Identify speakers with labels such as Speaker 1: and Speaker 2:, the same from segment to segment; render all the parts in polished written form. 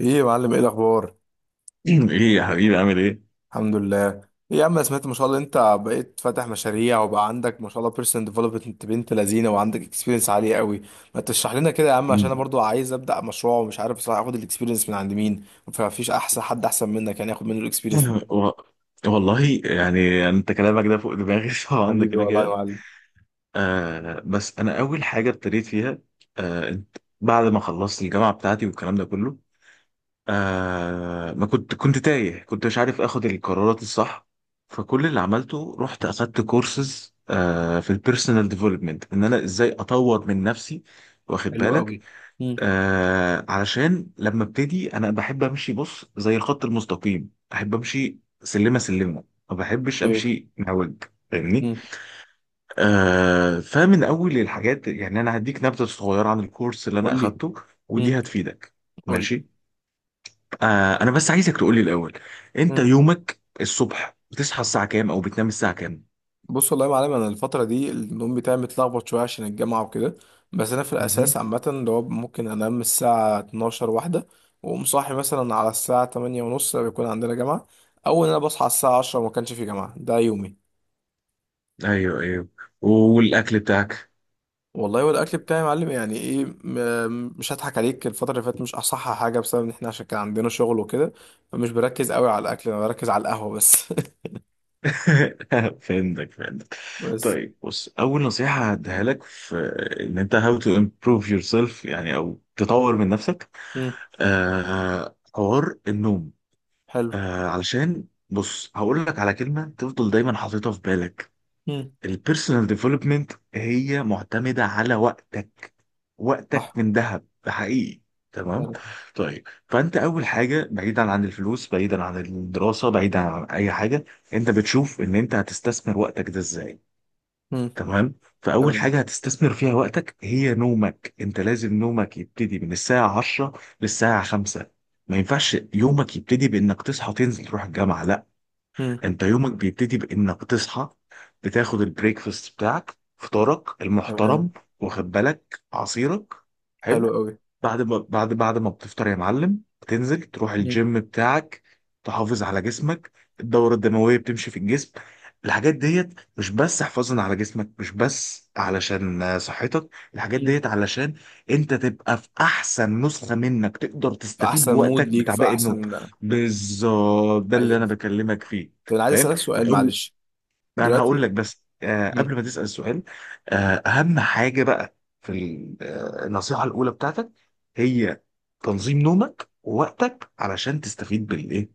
Speaker 1: ايه يا معلم؟ ايه الاخبار؟
Speaker 2: ايه يا حبيبي عامل ايه؟
Speaker 1: الحمد لله. ايه يا عم، أنا سمعت ما شاء الله انت بقيت فاتح مشاريع وبقى عندك ما شاء الله بيرسونال ديفلوبمنت بنت لذينه وعندك اكسبيرينس عاليه قوي. ما تشرح لنا كده يا عم، عشان انا برضو عايز ابدا مشروع ومش عارف بصراحه اخد الاكسبيرينس من عند مين. فمفيش احسن حد احسن منك، يعني اخد منه الاكسبيرينس دي.
Speaker 2: و... والله يعني انت كلامك ده فوق دماغي طبعا ده
Speaker 1: حبيبي
Speaker 2: كده
Speaker 1: والله يا
Speaker 2: كده.
Speaker 1: معلم.
Speaker 2: بس انا اول حاجه ابتديت فيها. بعد ما خلصت الجامعه بتاعتي والكلام ده كله، ما كنت تايه، كنت مش عارف اخد القرارات الصح. فكل اللي عملته رحت اخدت كورسز في البيرسونال ديفلوبمنت، ان انا ازاي اطور من نفسي، واخد
Speaker 1: حلو قوي.
Speaker 2: بالك.
Speaker 1: امم.
Speaker 2: علشان لما ابتدي انا بحب امشي، بص، زي الخط المستقيم احب امشي سلمه سلمه، ما بحبش
Speaker 1: ايه.
Speaker 2: امشي مهوج، فاهمني.
Speaker 1: امم.
Speaker 2: فمن اول الحاجات يعني انا هديك نبذه صغيره عن الكورس اللي انا
Speaker 1: قول لي.
Speaker 2: اخدته، ودي
Speaker 1: امم.
Speaker 2: هتفيدك.
Speaker 1: قول
Speaker 2: ماشي. انا بس عايزك تقولي الاول، انت
Speaker 1: لي.
Speaker 2: يومك الصبح بتصحى الساعه كام او بتنام الساعه كام؟
Speaker 1: بص والله يا معلم، انا الفتره دي النوم بتاعي متلخبط شويه عشان الجامعه وكده. بس انا في
Speaker 2: مهم.
Speaker 1: الاساس عامه، اللي هو ممكن انام الساعه 12 واحده واقوم صاحي مثلا على الساعه 8 ونص بيكون عندنا جامعه، او ان انا بصحى على الساعه 10 وما كانش في جامعه، ده يومي.
Speaker 2: ايوه ايوه. والاكل بتاعك؟
Speaker 1: والله، والاكل بتاعي يا معلم، يعني ايه، مش هضحك عليك، الفتره اللي فاتت مش اصح حاجه بسبب ان احنا عشان كان عندنا شغل وكده. فمش بركز قوي على الاكل، انا بركز على القهوه بس.
Speaker 2: فهمتك فهمتك.
Speaker 1: بس.
Speaker 2: طيب بص، اول نصيحه هديها لك في ان انت how to improve yourself يعني او تطور من نفسك.
Speaker 1: مم.
Speaker 2: حوار النوم.
Speaker 1: حلو.
Speaker 2: علشان بص هقول لك على كلمه تفضل دايما حاططها في بالك.
Speaker 1: مم.
Speaker 2: البيرسونال ديفلوبمنت هي معتمدة على وقتك. وقتك
Speaker 1: صح.
Speaker 2: من ذهب، ده حقيقي. تمام.
Speaker 1: فعلا.
Speaker 2: طيب فانت اول حاجه، بعيدا عن الفلوس، بعيدا عن الدراسه، بعيدا عن اي حاجه، انت بتشوف ان انت هتستثمر وقتك ده ازاي.
Speaker 1: مم.
Speaker 2: تمام. فاول
Speaker 1: تمام.
Speaker 2: حاجه هتستثمر فيها وقتك هي نومك. انت لازم نومك يبتدي من الساعه 10 للساعه 5. ما ينفعش يومك يبتدي بانك تصحى تنزل تروح الجامعه، لا.
Speaker 1: مم.
Speaker 2: انت يومك بيبتدي بانك تصحى، بتاخد البريكفاست بتاعك، فطارك
Speaker 1: تمام.
Speaker 2: المحترم، واخد بالك، عصيرك،
Speaker 1: حلو
Speaker 2: حلو.
Speaker 1: قوي.
Speaker 2: بعد ما بعد ما بتفطر يا معلم، بتنزل تروح
Speaker 1: مم.
Speaker 2: الجيم بتاعك، تحافظ على جسمك، الدورة الدموية بتمشي في الجسم. الحاجات ديت مش بس حفاظا على جسمك، مش بس علشان صحتك، الحاجات
Speaker 1: مم.
Speaker 2: ديت علشان انت تبقى في احسن نسخة منك، تقدر
Speaker 1: في
Speaker 2: تستفيد
Speaker 1: احسن مود
Speaker 2: بوقتك
Speaker 1: ليك،
Speaker 2: بتاع
Speaker 1: في
Speaker 2: باقي النوم.
Speaker 1: احسن.
Speaker 2: بالظبط ده اللي
Speaker 1: ايوه
Speaker 2: انا
Speaker 1: فهمت.
Speaker 2: بكلمك فيه.
Speaker 1: طب انا عايز
Speaker 2: فاهم.
Speaker 1: اسالك سؤال
Speaker 2: فاول
Speaker 1: معلش.
Speaker 2: انا هقول
Speaker 1: دلوقتي
Speaker 2: لك بس قبل ما تسأل السؤال. آه اهم حاجة بقى، في ال- آه، النصيحة الاولى بتاعتك هي تنظيم نومك ووقتك علشان تستفيد بالايه،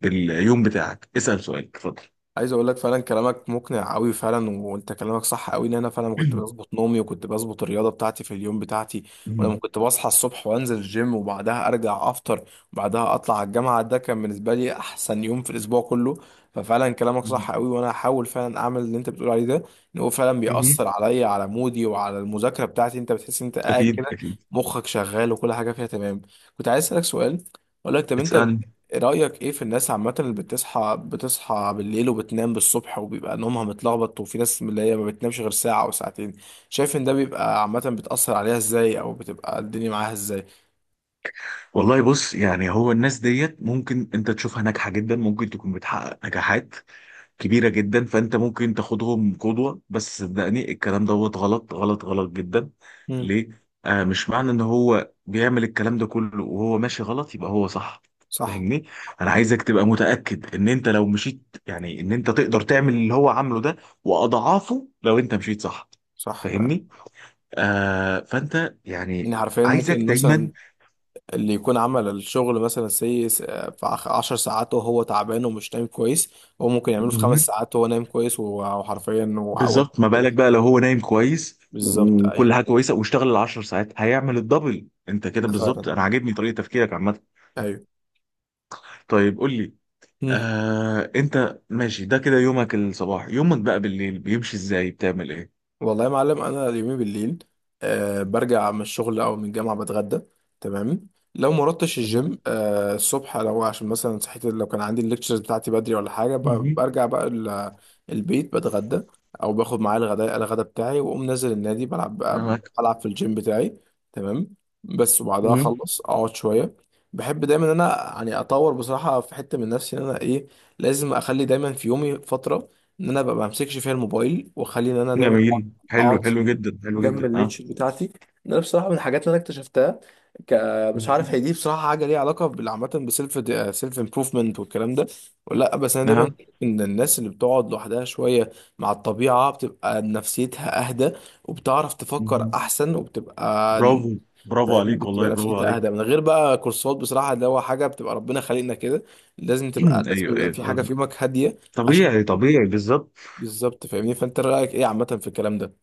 Speaker 2: باليوم بتاعك. اسأل سؤالك، اتفضل.
Speaker 1: عايز اقول لك، فعلا كلامك مقنع قوي فعلا، وانت كلامك صح قوي، ان انا فعلا كنت بظبط نومي وكنت بظبط الرياضه بتاعتي في اليوم بتاعتي. ولما
Speaker 2: مم.
Speaker 1: كنت بصحى الصبح وانزل الجيم وبعدها ارجع افطر وبعدها اطلع على الجامعه، ده كان بالنسبه لي احسن يوم في الاسبوع كله. ففعلا كلامك صح
Speaker 2: مم.
Speaker 1: قوي، وانا هحاول فعلا اعمل اللي انت بتقول عليه ده. ان هو فعلا
Speaker 2: مم.
Speaker 1: بيأثر عليا، على مودي وعلى المذاكره بتاعتي، انت بتحس إن انت قاعد
Speaker 2: اكيد
Speaker 1: كده
Speaker 2: اكيد.
Speaker 1: مخك شغال وكل حاجه فيها تمام. كنت عايز اسالك سؤال، اقول لك طب انت
Speaker 2: اسألني.
Speaker 1: رأيك ايه في الناس عامة اللي بتصحى بالليل وبتنام بالصبح وبيبقى نومها متلخبط، وفي ناس من اللي هي ما بتنامش غير ساعة أو ساعتين؟ شايف ان ده بيبقى عامة بتأثر عليها ازاي، او بتبقى الدنيا معاها ازاي؟
Speaker 2: والله بص، يعني هو الناس ديت ممكن انت تشوفها ناجحة جدا، ممكن تكون بتحقق نجاحات كبيرة جدا، فأنت ممكن تاخدهم قدوة، بس صدقني الكلام دوت غلط غلط غلط جدا.
Speaker 1: مم.
Speaker 2: ليه؟ مش معنى إن هو بيعمل الكلام ده كله وهو ماشي غلط يبقى هو صح،
Speaker 1: صح.
Speaker 2: فاهمني؟ أنا
Speaker 1: مم.
Speaker 2: عايزك تبقى متأكد إن أنت لو مشيت، يعني إن أنت تقدر تعمل اللي هو عامله ده وأضعافه لو أنت مشيت صح.
Speaker 1: صح فعلا.
Speaker 2: فاهمني؟ فأنت يعني
Speaker 1: يعني حرفيا
Speaker 2: عايزك
Speaker 1: ممكن
Speaker 2: دايما.
Speaker 1: مثلا اللي يكون عمل الشغل مثلا في عشر ساعات وهو تعبان ومش نايم كويس، هو ممكن يعمله في خمس ساعات وهو نايم كويس، وحرفيا وعوال.
Speaker 2: بالظبط، ما بالك بقى لو هو نايم كويس
Speaker 1: بالظبط.
Speaker 2: وكل
Speaker 1: ايوه،
Speaker 2: حاجه كويسه واشتغل العشر ساعات، هيعمل الدبل. انت كده
Speaker 1: ده
Speaker 2: بالظبط،
Speaker 1: فعلا.
Speaker 2: انا عاجبني طريقه تفكيرك عامه.
Speaker 1: ايوه.
Speaker 2: طيب قول لي،
Speaker 1: مم.
Speaker 2: انت ماشي ده كده، يومك الصباح، يومك بقى بالليل بيمشي ازاي، بتعمل ايه؟
Speaker 1: والله يا معلم انا اليومين بالليل، أه برجع من الشغل او من الجامعه، بتغدى. تمام. لو ما رحتش
Speaker 2: فاهم.
Speaker 1: الجيم أه الصبح، لو عشان مثلا صحيت، لو كان عندي الليكتشرز بتاعتي بدري ولا حاجه،
Speaker 2: مهم.
Speaker 1: برجع بقى البيت بتغدى، او باخد معايا الغداء، الغدا بتاعي، واقوم نازل النادي بلعب.
Speaker 2: معاك.
Speaker 1: بلعب في الجيم بتاعي. تمام. بس، وبعدها
Speaker 2: مهم.
Speaker 1: اخلص اقعد شويه. بحب دايما ان انا يعني اطور بصراحه في حته من نفسي، ان انا ايه، لازم اخلي دايما في يومي فتره ان انا ببقى ما بمسكش فيها الموبايل، واخلي ان انا دايما
Speaker 2: جميل، حلو
Speaker 1: اقعد
Speaker 2: حلو جدا، حلو
Speaker 1: جنب
Speaker 2: جدا، اه.
Speaker 1: النيتش بتاعتي. ده بصراحه من الحاجات اللي انا اكتشفتها. ك... مش عارف
Speaker 2: مهم.
Speaker 1: هي دي بصراحه حاجه ليها علاقه بالعامه بسيلف، سيلف امبروفمنت والكلام ده، ولا لا، بس انا دايما
Speaker 2: اه.
Speaker 1: بشوف ان الناس اللي بتقعد لوحدها شويه مع الطبيعه بتبقى نفسيتها اهدى، وبتعرف تفكر
Speaker 2: مهم.
Speaker 1: احسن وبتبقى،
Speaker 2: برافو، برافو
Speaker 1: فاهم،
Speaker 2: عليك والله،
Speaker 1: بتبقى
Speaker 2: برافو
Speaker 1: نفسيتها اهدى
Speaker 2: عليك.
Speaker 1: من غير بقى كورسات بصراحه، اللي هو حاجه بتبقى ربنا خالقنا كده، لازم تبقى، لازم
Speaker 2: ايوه
Speaker 1: يبقى
Speaker 2: ايوه
Speaker 1: في حاجه في
Speaker 2: فاهم.
Speaker 1: يومك هاديه عشان،
Speaker 2: طبيعي طبيعي بالظبط.
Speaker 1: بالظبط فاهمني. فانت رايك ايه عامه في الكلام ده؟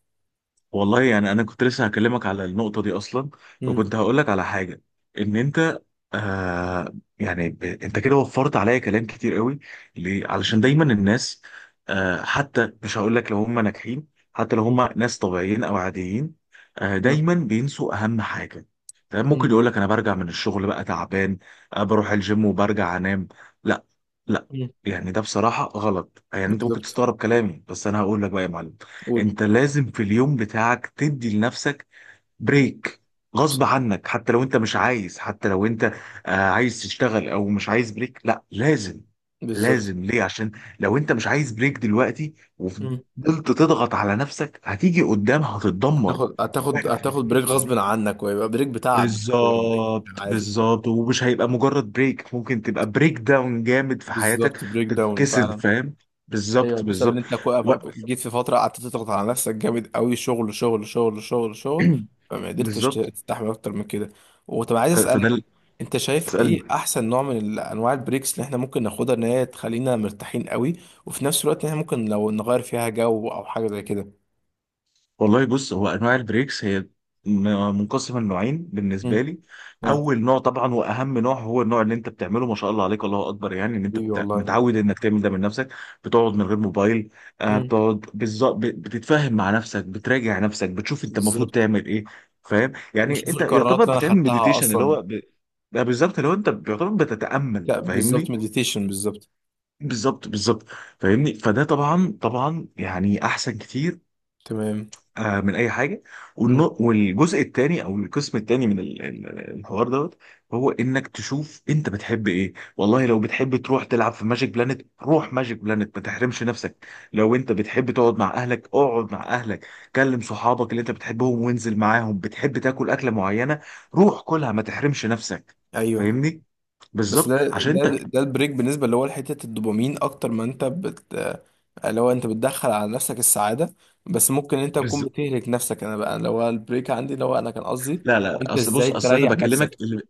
Speaker 2: والله يعني انا كنت لسه هكلمك على النقطه دي اصلا،
Speaker 1: مم.
Speaker 2: وكنت هقول لك على حاجه ان انت، يعني انت كده وفرت عليا كلام كتير قوي. ليه؟ علشان دايما الناس، حتى مش هقول لك لو هم ناجحين، حتى لو هم ناس طبيعيين او عاديين،
Speaker 1: مم.
Speaker 2: دايما بينسوا اهم حاجه. تمام،
Speaker 1: مم.
Speaker 2: ممكن يقول لك انا برجع من الشغل بقى تعبان، بروح الجيم وبرجع انام. لا لا،
Speaker 1: مم.
Speaker 2: يعني ده بصراحه غلط. يعني انت ممكن
Speaker 1: بالظبط.
Speaker 2: تستغرب كلامي، بس انا هقول لك بقى يا معلم،
Speaker 1: قول.
Speaker 2: انت لازم في اليوم بتاعك تدي لنفسك بريك، غصب
Speaker 1: صح.
Speaker 2: عنك، حتى لو انت مش عايز، حتى لو انت عايز تشتغل او مش عايز بريك، لا لازم.
Speaker 1: بالظبط.
Speaker 2: لازم ليه؟ عشان لو انت مش عايز بريك دلوقتي وفضلت
Speaker 1: مم.
Speaker 2: تضغط على نفسك، هتيجي قدام هتتدمر،
Speaker 1: هتاخد هتاخد
Speaker 2: واحنا مش عايزين
Speaker 1: هتاخد بريك
Speaker 2: نوصل
Speaker 1: غصب
Speaker 2: لده.
Speaker 1: عنك ويبقى بريك بتعب، مش هيبقى بريك.
Speaker 2: بالظبط
Speaker 1: عادي.
Speaker 2: بالظبط، ومش هيبقى مجرد بريك، ممكن تبقى بريك داون جامد في حياتك،
Speaker 1: بالظبط، بريك داون
Speaker 2: تتكسر،
Speaker 1: فعلا.
Speaker 2: فاهم.
Speaker 1: ايوه،
Speaker 2: بالظبط
Speaker 1: بسبب ان
Speaker 2: بالظبط.
Speaker 1: انت
Speaker 2: و...
Speaker 1: جيت في فتره قعدت تضغط على نفسك جامد قوي، شغل شغل شغل شغل شغل، فما قدرتش
Speaker 2: بالظبط.
Speaker 1: تستحمل اكتر من كده. وطب عايز
Speaker 2: فده
Speaker 1: اسالك، انت شايف
Speaker 2: تسألني.
Speaker 1: ايه احسن نوع من انواع البريكس اللي احنا ممكن ناخدها ان هي تخلينا مرتاحين قوي، وفي نفس الوقت ان احنا ممكن لو نغير فيها جو او حاجه زي كده؟
Speaker 2: والله بص، هو أنواع البريكس هي منقسمة لنوعين
Speaker 1: امم.
Speaker 2: بالنسبة لي.
Speaker 1: اه.
Speaker 2: أول نوع طبعا وأهم نوع هو النوع اللي أنت بتعمله، ما شاء الله عليك، الله أكبر، يعني إن أنت
Speaker 1: ايوه والله.
Speaker 2: متعود إنك تعمل ده من نفسك. بتقعد من غير موبايل،
Speaker 1: مم.
Speaker 2: بتقعد بالظبط، بتتفاهم مع نفسك، بتراجع نفسك، بتشوف أنت المفروض
Speaker 1: بالظبط.
Speaker 2: تعمل إيه. فاهم، يعني
Speaker 1: بشوف
Speaker 2: أنت
Speaker 1: القرارات
Speaker 2: يعتبر
Speaker 1: اللي انا
Speaker 2: بتعمل
Speaker 1: خدتها
Speaker 2: مديتيشن اللي
Speaker 1: اصلا.
Speaker 2: هو بقى بالظبط، اللي هو أنت يعتبر بتتأمل،
Speaker 1: لا بالظبط،
Speaker 2: فاهمني.
Speaker 1: مديتيشن بالظبط.
Speaker 2: بالظبط بالظبط، فاهمني. فده طبعا طبعا، يعني أحسن كتير
Speaker 1: تمام.
Speaker 2: من اي حاجه.
Speaker 1: مم.
Speaker 2: والجزء الثاني او القسم الثاني من الحوار دوت هو انك تشوف انت بتحب ايه. والله لو بتحب تروح تلعب في ماجيك بلانت، روح ماجيك بلانت، ما تحرمش نفسك. لو انت بتحب تقعد مع اهلك، اقعد مع اهلك، كلم صحابك اللي انت بتحبهم وانزل معاهم. بتحب تاكل اكله معينه، روح كلها، ما تحرمش نفسك.
Speaker 1: ايوه.
Speaker 2: فاهمني.
Speaker 1: بس
Speaker 2: بالظبط
Speaker 1: ده
Speaker 2: عشان
Speaker 1: ده
Speaker 2: انت.
Speaker 1: ده البريك بالنسبه اللي هو لحته الدوبامين، اكتر ما انت بت، اللي هو انت بتدخل على نفسك السعاده، بس ممكن انت تكون بتهلك نفسك. انا بقى اللي هو البريك عندي اللي هو انا كان قصدي،
Speaker 2: لا لا،
Speaker 1: انت
Speaker 2: اصل بص،
Speaker 1: ازاي
Speaker 2: اصل انا
Speaker 1: تريح نفسك.
Speaker 2: بكلمك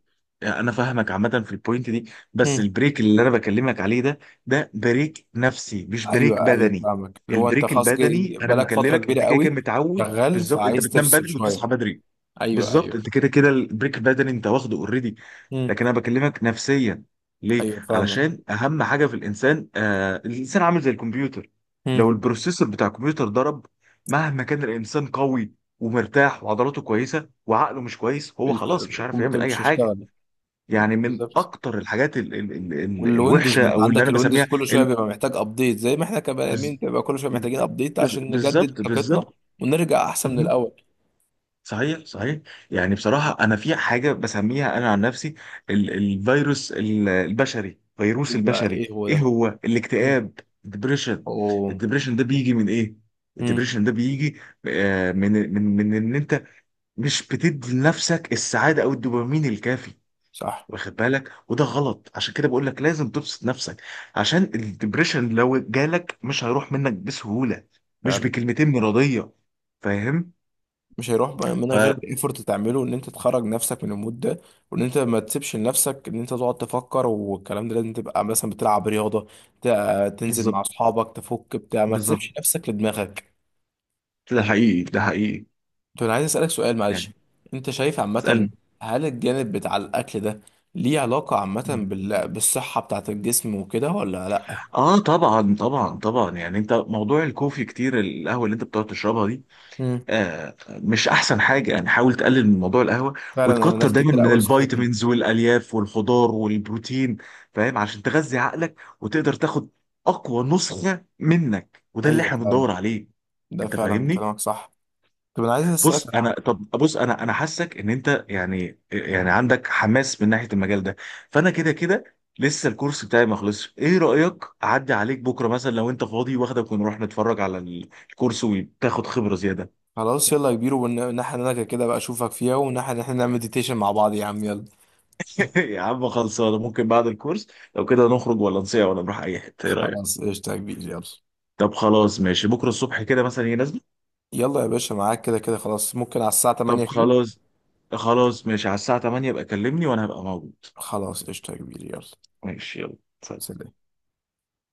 Speaker 2: يعني انا فاهمك عامه في البوينت دي، بس
Speaker 1: مم.
Speaker 2: البريك اللي انا بكلمك عليه ده، ده بريك نفسي مش بريك
Speaker 1: ايوه ايوه
Speaker 2: بدني.
Speaker 1: فاهمك، اللي هو انت
Speaker 2: البريك
Speaker 1: خلاص
Speaker 2: البدني انا
Speaker 1: بقالك فتره
Speaker 2: مكلمك
Speaker 1: كبيره
Speaker 2: انت كده كده
Speaker 1: قوي
Speaker 2: متعود.
Speaker 1: شغال
Speaker 2: بالظبط، انت
Speaker 1: فعايز
Speaker 2: بتنام
Speaker 1: تفصل
Speaker 2: بدري
Speaker 1: شويه.
Speaker 2: وبتصحى بدري.
Speaker 1: ايوه
Speaker 2: بالظبط،
Speaker 1: ايوه.
Speaker 2: انت كده كده البريك بدني انت واخده اوريدي.
Speaker 1: مم.
Speaker 2: لكن انا بكلمك نفسيا. ليه؟
Speaker 1: ايوه فاهمك.
Speaker 2: علشان اهم حاجه في الانسان، الانسان عامل زي الكمبيوتر. لو البروسيسور بتاع الكمبيوتر ضرب، مهما كان الانسان قوي ومرتاح وعضلاته كويسه وعقله مش كويس، هو خلاص مش عارف
Speaker 1: الكمبيوتر
Speaker 2: يعمل اي
Speaker 1: مش
Speaker 2: حاجه.
Speaker 1: هيشتغل.
Speaker 2: يعني من
Speaker 1: بالظبط.
Speaker 2: اكتر الحاجات ال
Speaker 1: والويندوز،
Speaker 2: الوحشه
Speaker 1: ما انت
Speaker 2: او اللي
Speaker 1: عندك
Speaker 2: انا
Speaker 1: الويندوز
Speaker 2: بسميها
Speaker 1: كل شويه
Speaker 2: ال-
Speaker 1: بيبقى محتاج ابديت، زي ما احنا كبني ادمين
Speaker 2: بز-
Speaker 1: بيبقى كل شويه محتاجين ابديت عشان نجدد
Speaker 2: بالظبط
Speaker 1: طاقتنا
Speaker 2: بالظبط.
Speaker 1: ونرجع احسن من
Speaker 2: مهم.
Speaker 1: الاول.
Speaker 2: صحيح صحيح. يعني بصراحة أنا في حاجة بسميها أنا عن نفسي، الفيروس البشري، فيروس
Speaker 1: يبقى
Speaker 2: البشري
Speaker 1: ايه هو
Speaker 2: إيه
Speaker 1: ده؟
Speaker 2: هو؟
Speaker 1: مم.
Speaker 2: الاكتئاب، الدبريشن.
Speaker 1: اوه.
Speaker 2: الدبريشن ده بيجي من إيه؟
Speaker 1: مم.
Speaker 2: الدبريشن ده بيجي من إن أنت مش بتدي لنفسك السعادة أو الدوبامين الكافي،
Speaker 1: صح
Speaker 2: واخد بالك. وده غلط، عشان كده بقول لك لازم تبسط نفسك، عشان الدبريشن لو جالك مش هيروح منك بسهولة، مش
Speaker 1: فعلا.
Speaker 2: بكلمتين مرضية، فاهم؟
Speaker 1: مش هيروح بقى من غير
Speaker 2: فبالظبط
Speaker 1: الايفورت تعمله ان انت تخرج نفسك من المود ده، وان انت ما تسيبش لنفسك ان انت تقعد تفكر والكلام ده، لازم تبقى مثلا بتلعب رياضه، ت- تنزل مع
Speaker 2: بالظبط
Speaker 1: اصحابك تفك بتاع، ما
Speaker 2: بالظبط.
Speaker 1: تسيبش نفسك لدماغك.
Speaker 2: ده حقيقي ده حقيقي.
Speaker 1: طب انا عايز اسالك سؤال معلش،
Speaker 2: يعني
Speaker 1: انت شايف عامه
Speaker 2: اسألني.
Speaker 1: هل الجانب بتاع الاكل ده ليه علاقه عامه بالصحه بتاعه الجسم وكده ولا لا؟
Speaker 2: اه طبعا طبعا طبعا، يعني انت موضوع الكوفي كتير، القهوه اللي انت بتقعد تشربها دي،
Speaker 1: امم.
Speaker 2: مش احسن حاجه، يعني حاول تقلل من موضوع القهوه،
Speaker 1: فعلا انا
Speaker 2: وتكتر
Speaker 1: ناس
Speaker 2: دايما
Speaker 1: كتير
Speaker 2: من
Speaker 1: قوي نصحتني.
Speaker 2: الفيتامينز والالياف والخضار والبروتين. فاهم؟ عشان تغذي عقلك وتقدر تاخد اقوى نسخه منك، وده اللي
Speaker 1: ايوه
Speaker 2: احنا
Speaker 1: فعلا،
Speaker 2: بندور عليه.
Speaker 1: ده
Speaker 2: انت
Speaker 1: فعلا
Speaker 2: فاهمني.
Speaker 1: كلامك صح. طب انا عايز اسالك
Speaker 2: بص انا، طب بص، انا حاسك ان انت يعني يعني عندك حماس من ناحيه المجال ده، فانا كده كده لسه الكورس بتاعي ما خلصش، ايه رايك اعدي عليك بكره مثلا لو انت فاضي، واخدك ونروح نتفرج على الكورس وتاخد خبره زياده.
Speaker 1: خلاص يلا يا كبير، والناحيه اللي انا كده كده بقى اشوفك فيها، والناحيه اللي احنا نعمل مديتيشن مع بعض، يا عم يلا.
Speaker 2: يا عم خلصانه، ممكن بعد الكورس لو كده نخرج ولا نصيع ولا نروح اي حته، ايه رايك؟
Speaker 1: خلاص قشطه يا كبير يلا.
Speaker 2: طب خلاص ماشي، بكره الصبح كده مثلا هي نازله.
Speaker 1: يلا يا باشا، معاك كده كده خلاص، ممكن على الساعه
Speaker 2: طب
Speaker 1: 8 كده.
Speaker 2: خلاص، خلاص ماشي على الساعه 8 يبقى كلمني وانا هبقى موجود.
Speaker 1: خلاص قشطه يا كبير يلا.
Speaker 2: ماشي يلا. سلام.
Speaker 1: سلام.